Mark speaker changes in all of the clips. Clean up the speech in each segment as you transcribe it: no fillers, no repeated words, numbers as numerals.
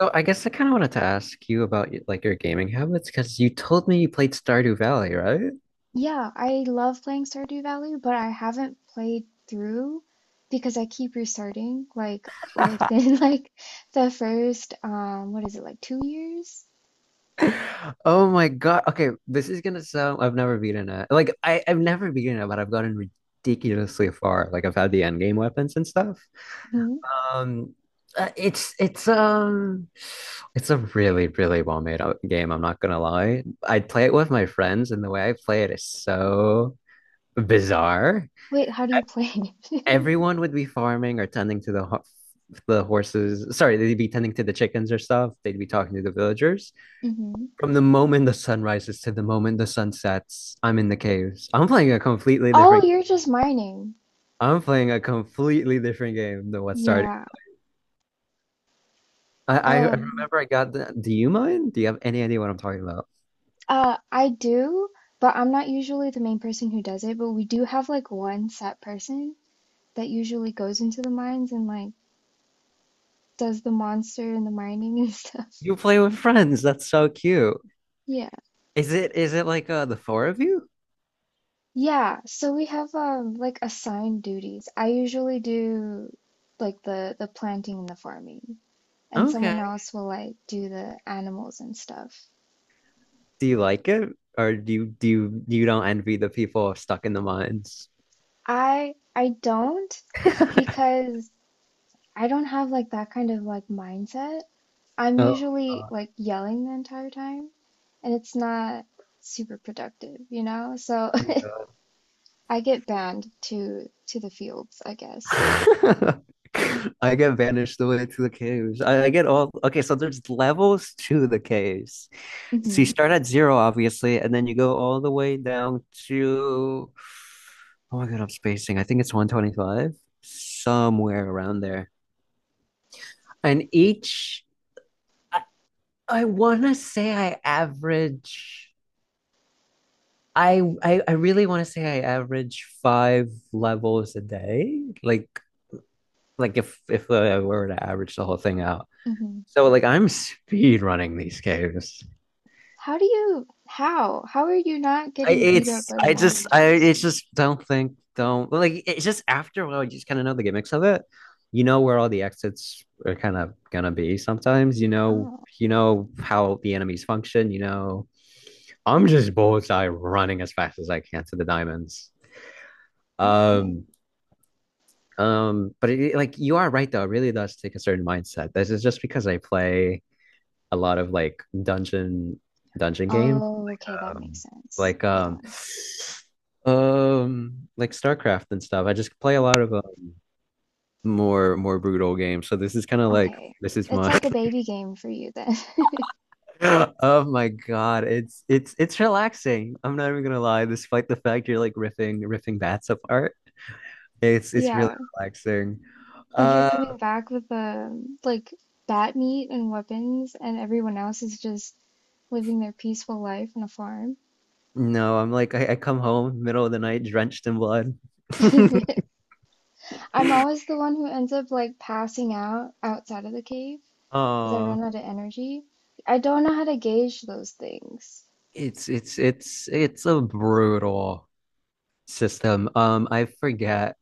Speaker 1: So I guess I kind of wanted to ask you about like your gaming habits because you told me you played Stardew Valley, right?
Speaker 2: Yeah, I love playing Stardew Valley, but I haven't played through because I keep restarting, like, within like the first what is it, like, 2 years?
Speaker 1: Oh my God. Okay, this is gonna sound I've never beaten it. Like I've never beaten it, but I've gotten ridiculously far. Like I've had the end game weapons and stuff.
Speaker 2: Hmm.
Speaker 1: Um it's it's a really, really well made out game, I'm not gonna lie. I'd play it with my friends and the way I play it is so bizarre.
Speaker 2: Wait, how do
Speaker 1: E,
Speaker 2: you play it?
Speaker 1: Everyone would be farming or tending to the the horses, sorry, they'd be tending to the chickens or stuff, they'd be talking to the villagers
Speaker 2: Hmm.
Speaker 1: from the moment the sun rises to the moment the sun sets. I'm in the caves.
Speaker 2: Oh, you're just mining.
Speaker 1: I'm playing a completely different game than what started.
Speaker 2: Yeah.
Speaker 1: I
Speaker 2: Um
Speaker 1: remember I got the, do you mind, do you have any idea what I'm talking about?
Speaker 2: I do, but I'm not usually the main person who does it, but we do have like one set person that usually goes into the mines and like does the monster and the mining and stuff.
Speaker 1: You play with friends, that's so cute.
Speaker 2: Yeah.
Speaker 1: Is it like the four of you?
Speaker 2: Yeah, so we have like assigned duties. I usually do like the planting and the farming, and someone
Speaker 1: Okay,
Speaker 2: else will like do the animals and stuff.
Speaker 1: do you like it, or do you don't envy the people stuck in the mines?
Speaker 2: I don't
Speaker 1: Oh,
Speaker 2: because I don't have like that kind of like mindset. I'm usually
Speaker 1: God.
Speaker 2: like yelling the entire time, and it's not super productive, you know? So
Speaker 1: Yeah.
Speaker 2: I get banned to the fields, I guess.
Speaker 1: I get vanished the way to the caves. I get all okay. So there's levels to the caves. So you
Speaker 2: Hmm.
Speaker 1: start at zero, obviously, and then you go all the way down to, oh my god, I'm spacing. I think it's 125, somewhere around there. And each, I, I want to say I average. I really want to say I average five levels a day. Like if I were to average the whole thing out.
Speaker 2: Hmm.
Speaker 1: So like I'm speed running these games.
Speaker 2: How do you, how? How are you not
Speaker 1: I
Speaker 2: getting beat up
Speaker 1: it's
Speaker 2: by the
Speaker 1: I just I
Speaker 2: monsters?
Speaker 1: it's just don't think, don't, like, it's just after a while you just kind of know the gimmicks of it. You know where all the exits are kind of gonna be sometimes. You know,
Speaker 2: Oh,
Speaker 1: you know how the enemies function. You know, I'm just bullseye running as fast as I can to the diamonds.
Speaker 2: okay.
Speaker 1: Um but it, like, you are right though. It really does take a certain mindset. This is just because I play a lot of like dungeon game
Speaker 2: Oh, okay, that
Speaker 1: um,
Speaker 2: makes sense.
Speaker 1: like
Speaker 2: Yeah.
Speaker 1: um, like StarCraft and stuff. I just play a lot of more brutal games. So this is kind of like
Speaker 2: Okay.
Speaker 1: this is
Speaker 2: It's
Speaker 1: my.
Speaker 2: like a baby game for you then.
Speaker 1: Oh my God, it's relaxing. I'm not even gonna lie. Despite the fact you're like riffing bats apart, it's really
Speaker 2: Yeah.
Speaker 1: relaxing.
Speaker 2: And you're
Speaker 1: Uh,
Speaker 2: coming back with like bat meat and weapons and everyone else is just living their peaceful life on a farm.
Speaker 1: no, I'm like I come home middle of the night drenched in blood.
Speaker 2: I'm always the one who ends up like passing out outside of the cave because I
Speaker 1: Oh,
Speaker 2: run out of energy. I don't know how to gauge those things.
Speaker 1: it's a brutal system. I forget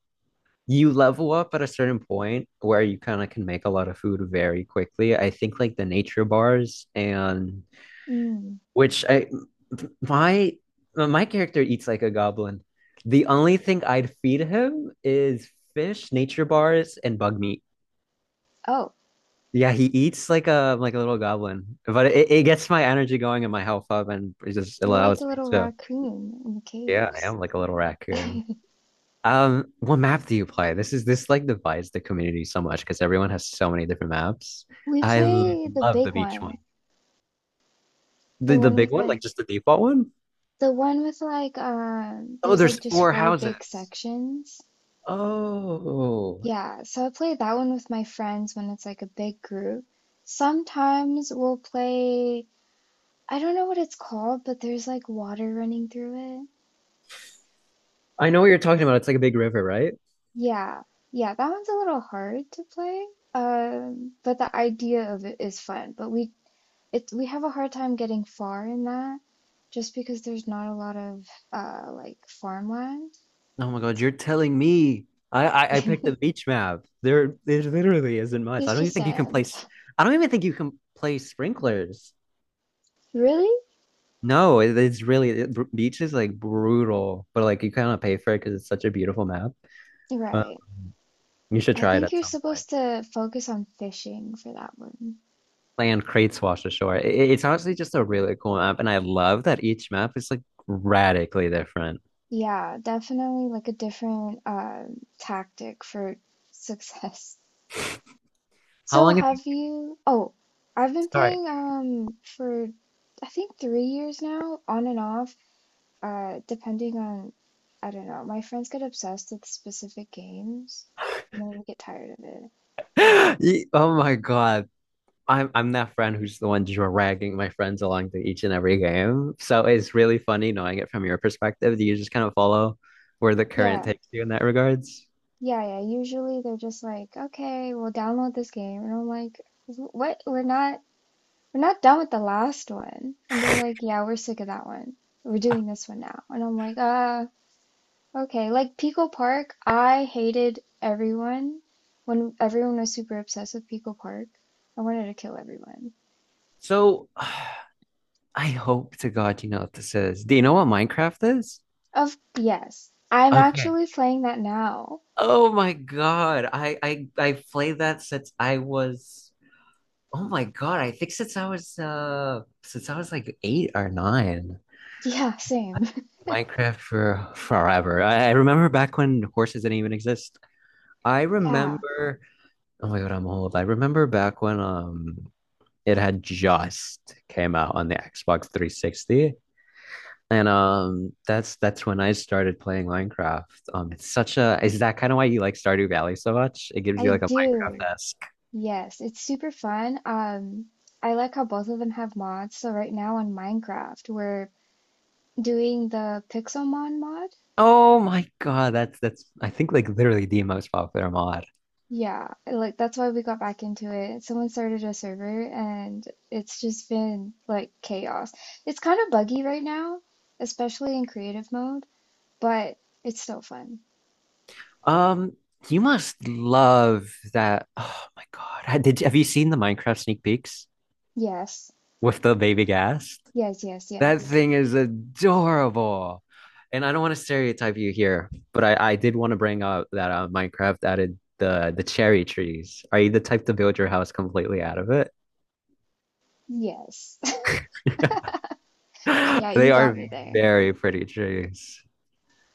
Speaker 1: you level up at a certain point where you kind of can make a lot of food very quickly. I think like the nature bars and
Speaker 2: Mm.
Speaker 1: which I, my my character eats like a goblin. The only thing I'd feed him is fish, nature bars, and bug meat.
Speaker 2: Oh,
Speaker 1: Yeah, he eats like a little goblin, but it gets my energy going and my health up, and it just
Speaker 2: you're like a
Speaker 1: allows me
Speaker 2: little
Speaker 1: to.
Speaker 2: raccoon in the
Speaker 1: Yeah, I
Speaker 2: caves.
Speaker 1: am like a little raccoon. What map do you play? This is, this like divides the community so much because everyone has so many different maps.
Speaker 2: We
Speaker 1: I Mm. l-
Speaker 2: play the
Speaker 1: love the
Speaker 2: big
Speaker 1: beach
Speaker 2: one,
Speaker 1: one.
Speaker 2: the
Speaker 1: The
Speaker 2: one
Speaker 1: big
Speaker 2: with
Speaker 1: one, like
Speaker 2: like
Speaker 1: just the default one.
Speaker 2: the one with like
Speaker 1: Oh,
Speaker 2: there's like
Speaker 1: there's
Speaker 2: just
Speaker 1: four
Speaker 2: four big
Speaker 1: houses.
Speaker 2: sections.
Speaker 1: Oh,
Speaker 2: Yeah, so I play that one with my friends when it's like a big group. Sometimes we'll play, I don't know what it's called, but there's like water running through it.
Speaker 1: I know what you're talking about. It's like a big river, right?
Speaker 2: Yeah. Yeah, that one's a little hard to play. But the idea of it is fun. But we have a hard time getting far in that just because there's not a lot of like farmland.
Speaker 1: Oh my God, you're telling me. I picked the beach map. There literally isn't much.
Speaker 2: It's
Speaker 1: I don't even
Speaker 2: just
Speaker 1: think you can
Speaker 2: sand.
Speaker 1: I don't even think you can play sprinklers.
Speaker 2: Really?
Speaker 1: No, it, it's really, it, beach is like brutal, but like you kind of pay for it because it's such a beautiful map. Uh,
Speaker 2: Right.
Speaker 1: you should
Speaker 2: I
Speaker 1: try it
Speaker 2: think
Speaker 1: at
Speaker 2: you're
Speaker 1: some point.
Speaker 2: supposed to focus on fishing for that one.
Speaker 1: Land Crates Wash Ashore. It's honestly just a really cool map, and I love that each map is like radically different.
Speaker 2: Yeah, definitely like a different tactic for success.
Speaker 1: How
Speaker 2: So
Speaker 1: long have you?
Speaker 2: have you Oh, I've been
Speaker 1: Sorry.
Speaker 2: playing for I think 3 years now, on and off, depending on I don't know, my friends get obsessed with specific games and then we get tired of it.
Speaker 1: Oh my God. I'm that friend who's the one dragging my friends along to each and every game. So it's really funny knowing it from your perspective. Do you just kind of follow where the current
Speaker 2: Yeah.
Speaker 1: takes you in that regards?
Speaker 2: Yeah, yeah. Usually they're just like, "Okay, we'll download this game." And I'm like, "What? We're not done with the last one." And they're like, "Yeah, we're sick of that one. We're doing this one now." And I'm like, okay." Like Pico Park, I hated everyone when everyone was super obsessed with Pico Park. I wanted to kill everyone.
Speaker 1: So I hope to God you know what this is. Do you know what Minecraft is?
Speaker 2: Of yes, I'm
Speaker 1: Okay.
Speaker 2: actually playing that now.
Speaker 1: Oh my God. I played that since I was, oh my God. I think since I was like eight or nine.
Speaker 2: Yeah,
Speaker 1: I-
Speaker 2: same.
Speaker 1: Minecraft for forever. I remember back when horses didn't even exist. I
Speaker 2: Yeah,
Speaker 1: remember, oh my God, I'm old. I remember back when it had just came out on the Xbox 360. And that's when I started playing Minecraft. Um, it's such a, is that kind of why you like Stardew Valley so much? It gives you
Speaker 2: I
Speaker 1: like a Minecraft.
Speaker 2: do. Yes, it's super fun. I like how both of them have mods. So right now on Minecraft, we're doing the Pixelmon mod.
Speaker 1: Oh my God, that's, I think, like literally the most popular mod.
Speaker 2: Yeah, like that's why we got back into it. Someone started a server and it's just been like chaos. It's kind of buggy right now, especially in creative mode, but it's still fun.
Speaker 1: Um, you must love that. Oh my God, have you seen the Minecraft sneak peeks
Speaker 2: Yes.
Speaker 1: with the baby gas?
Speaker 2: Yes, yes,
Speaker 1: That
Speaker 2: yes.
Speaker 1: thing is adorable. And I don't want to stereotype you here, but I did want to bring up that Minecraft added the cherry trees. Are you the type to build your house completely out of it?
Speaker 2: Yes. Yeah,
Speaker 1: They
Speaker 2: you got
Speaker 1: are
Speaker 2: me there.
Speaker 1: very pretty trees.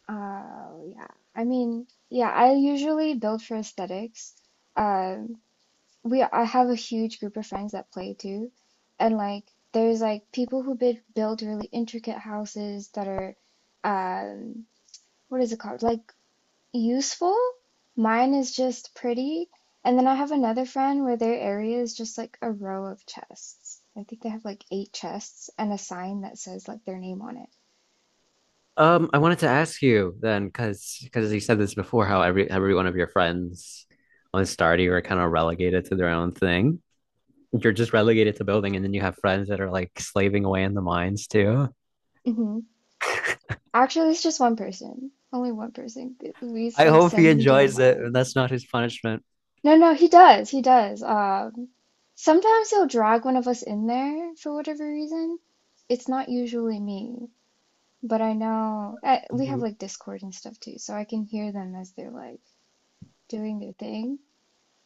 Speaker 2: Uh, yeah. I mean, yeah, I usually build for aesthetics. Um, we I have a huge group of friends that play too, and like there's like people who build really intricate houses that are, um, what is it called? Like useful. Mine is just pretty, and then I have another friend where their area is just like a row of chests. I think they have like eight chests and a sign that says like their name on it.
Speaker 1: I wanted to ask you then, because you said this before, how every one of your friends on Stardew are kind of relegated to their own thing. You're just relegated to building, and then you have friends that are like slaving away in the mines too.
Speaker 2: Mhm. Actually, it's just one person. Only one person. We
Speaker 1: I
Speaker 2: like
Speaker 1: hope he
Speaker 2: send him to the
Speaker 1: enjoys it and
Speaker 2: mines.
Speaker 1: that's not his punishment.
Speaker 2: No, no, he does. He does. Sometimes he'll drag one of us in there for whatever reason. It's not usually me, but I know I, we have
Speaker 1: You
Speaker 2: like Discord and stuff too, so I can hear them as they're like doing their thing.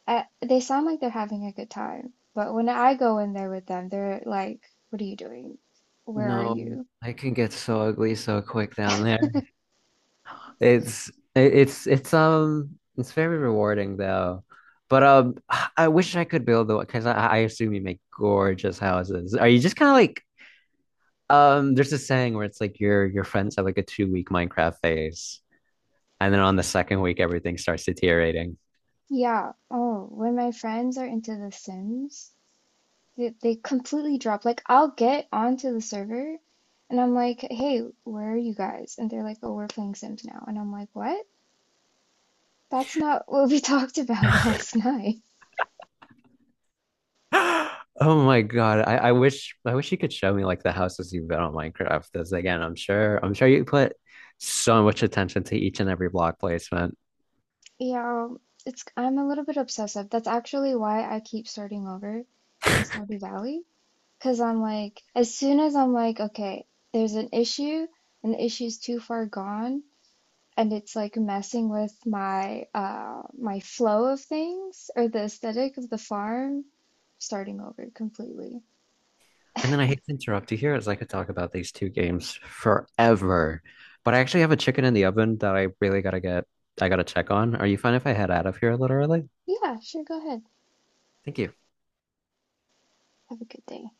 Speaker 2: I, they sound like they're having a good time, but when I go in there with them, they're like, "What are you doing? Where are
Speaker 1: no,
Speaker 2: you?"
Speaker 1: I can get so ugly so quick down there. It's it's very rewarding though. But um, I wish I could build the, because I assume you make gorgeous houses. Are you just kind of like, um, there's a saying where it's like your friends have like a 2 week Minecraft phase. And then on the second week, everything starts deteriorating.
Speaker 2: Yeah. Oh, when my friends are into The Sims. They completely drop. Like, I'll get onto the server and I'm like, hey, where are you guys? And they're like, oh, we're playing Sims now. And I'm like, what? That's not what we talked about last night.
Speaker 1: Oh my God. I wish, I wish you could show me like the houses you've built on Minecraft. Because again, I'm sure you put so much attention to each and every block placement.
Speaker 2: Yeah, it's, I'm a little bit obsessive. That's actually why I keep starting over in Stardew Valley. Because I'm like, as soon as I'm like, okay, there's an issue and the issue's too far gone. And it's like messing with my my flow of things or the aesthetic of the farm, starting over completely.
Speaker 1: And then I hate to interrupt you here, as I could talk about these two games forever. But I actually have a chicken in the oven that I really gotta get, I gotta check on. Are you fine if I head out of here a little early?
Speaker 2: Yeah, sure, go ahead.
Speaker 1: Thank you.
Speaker 2: Have a good day.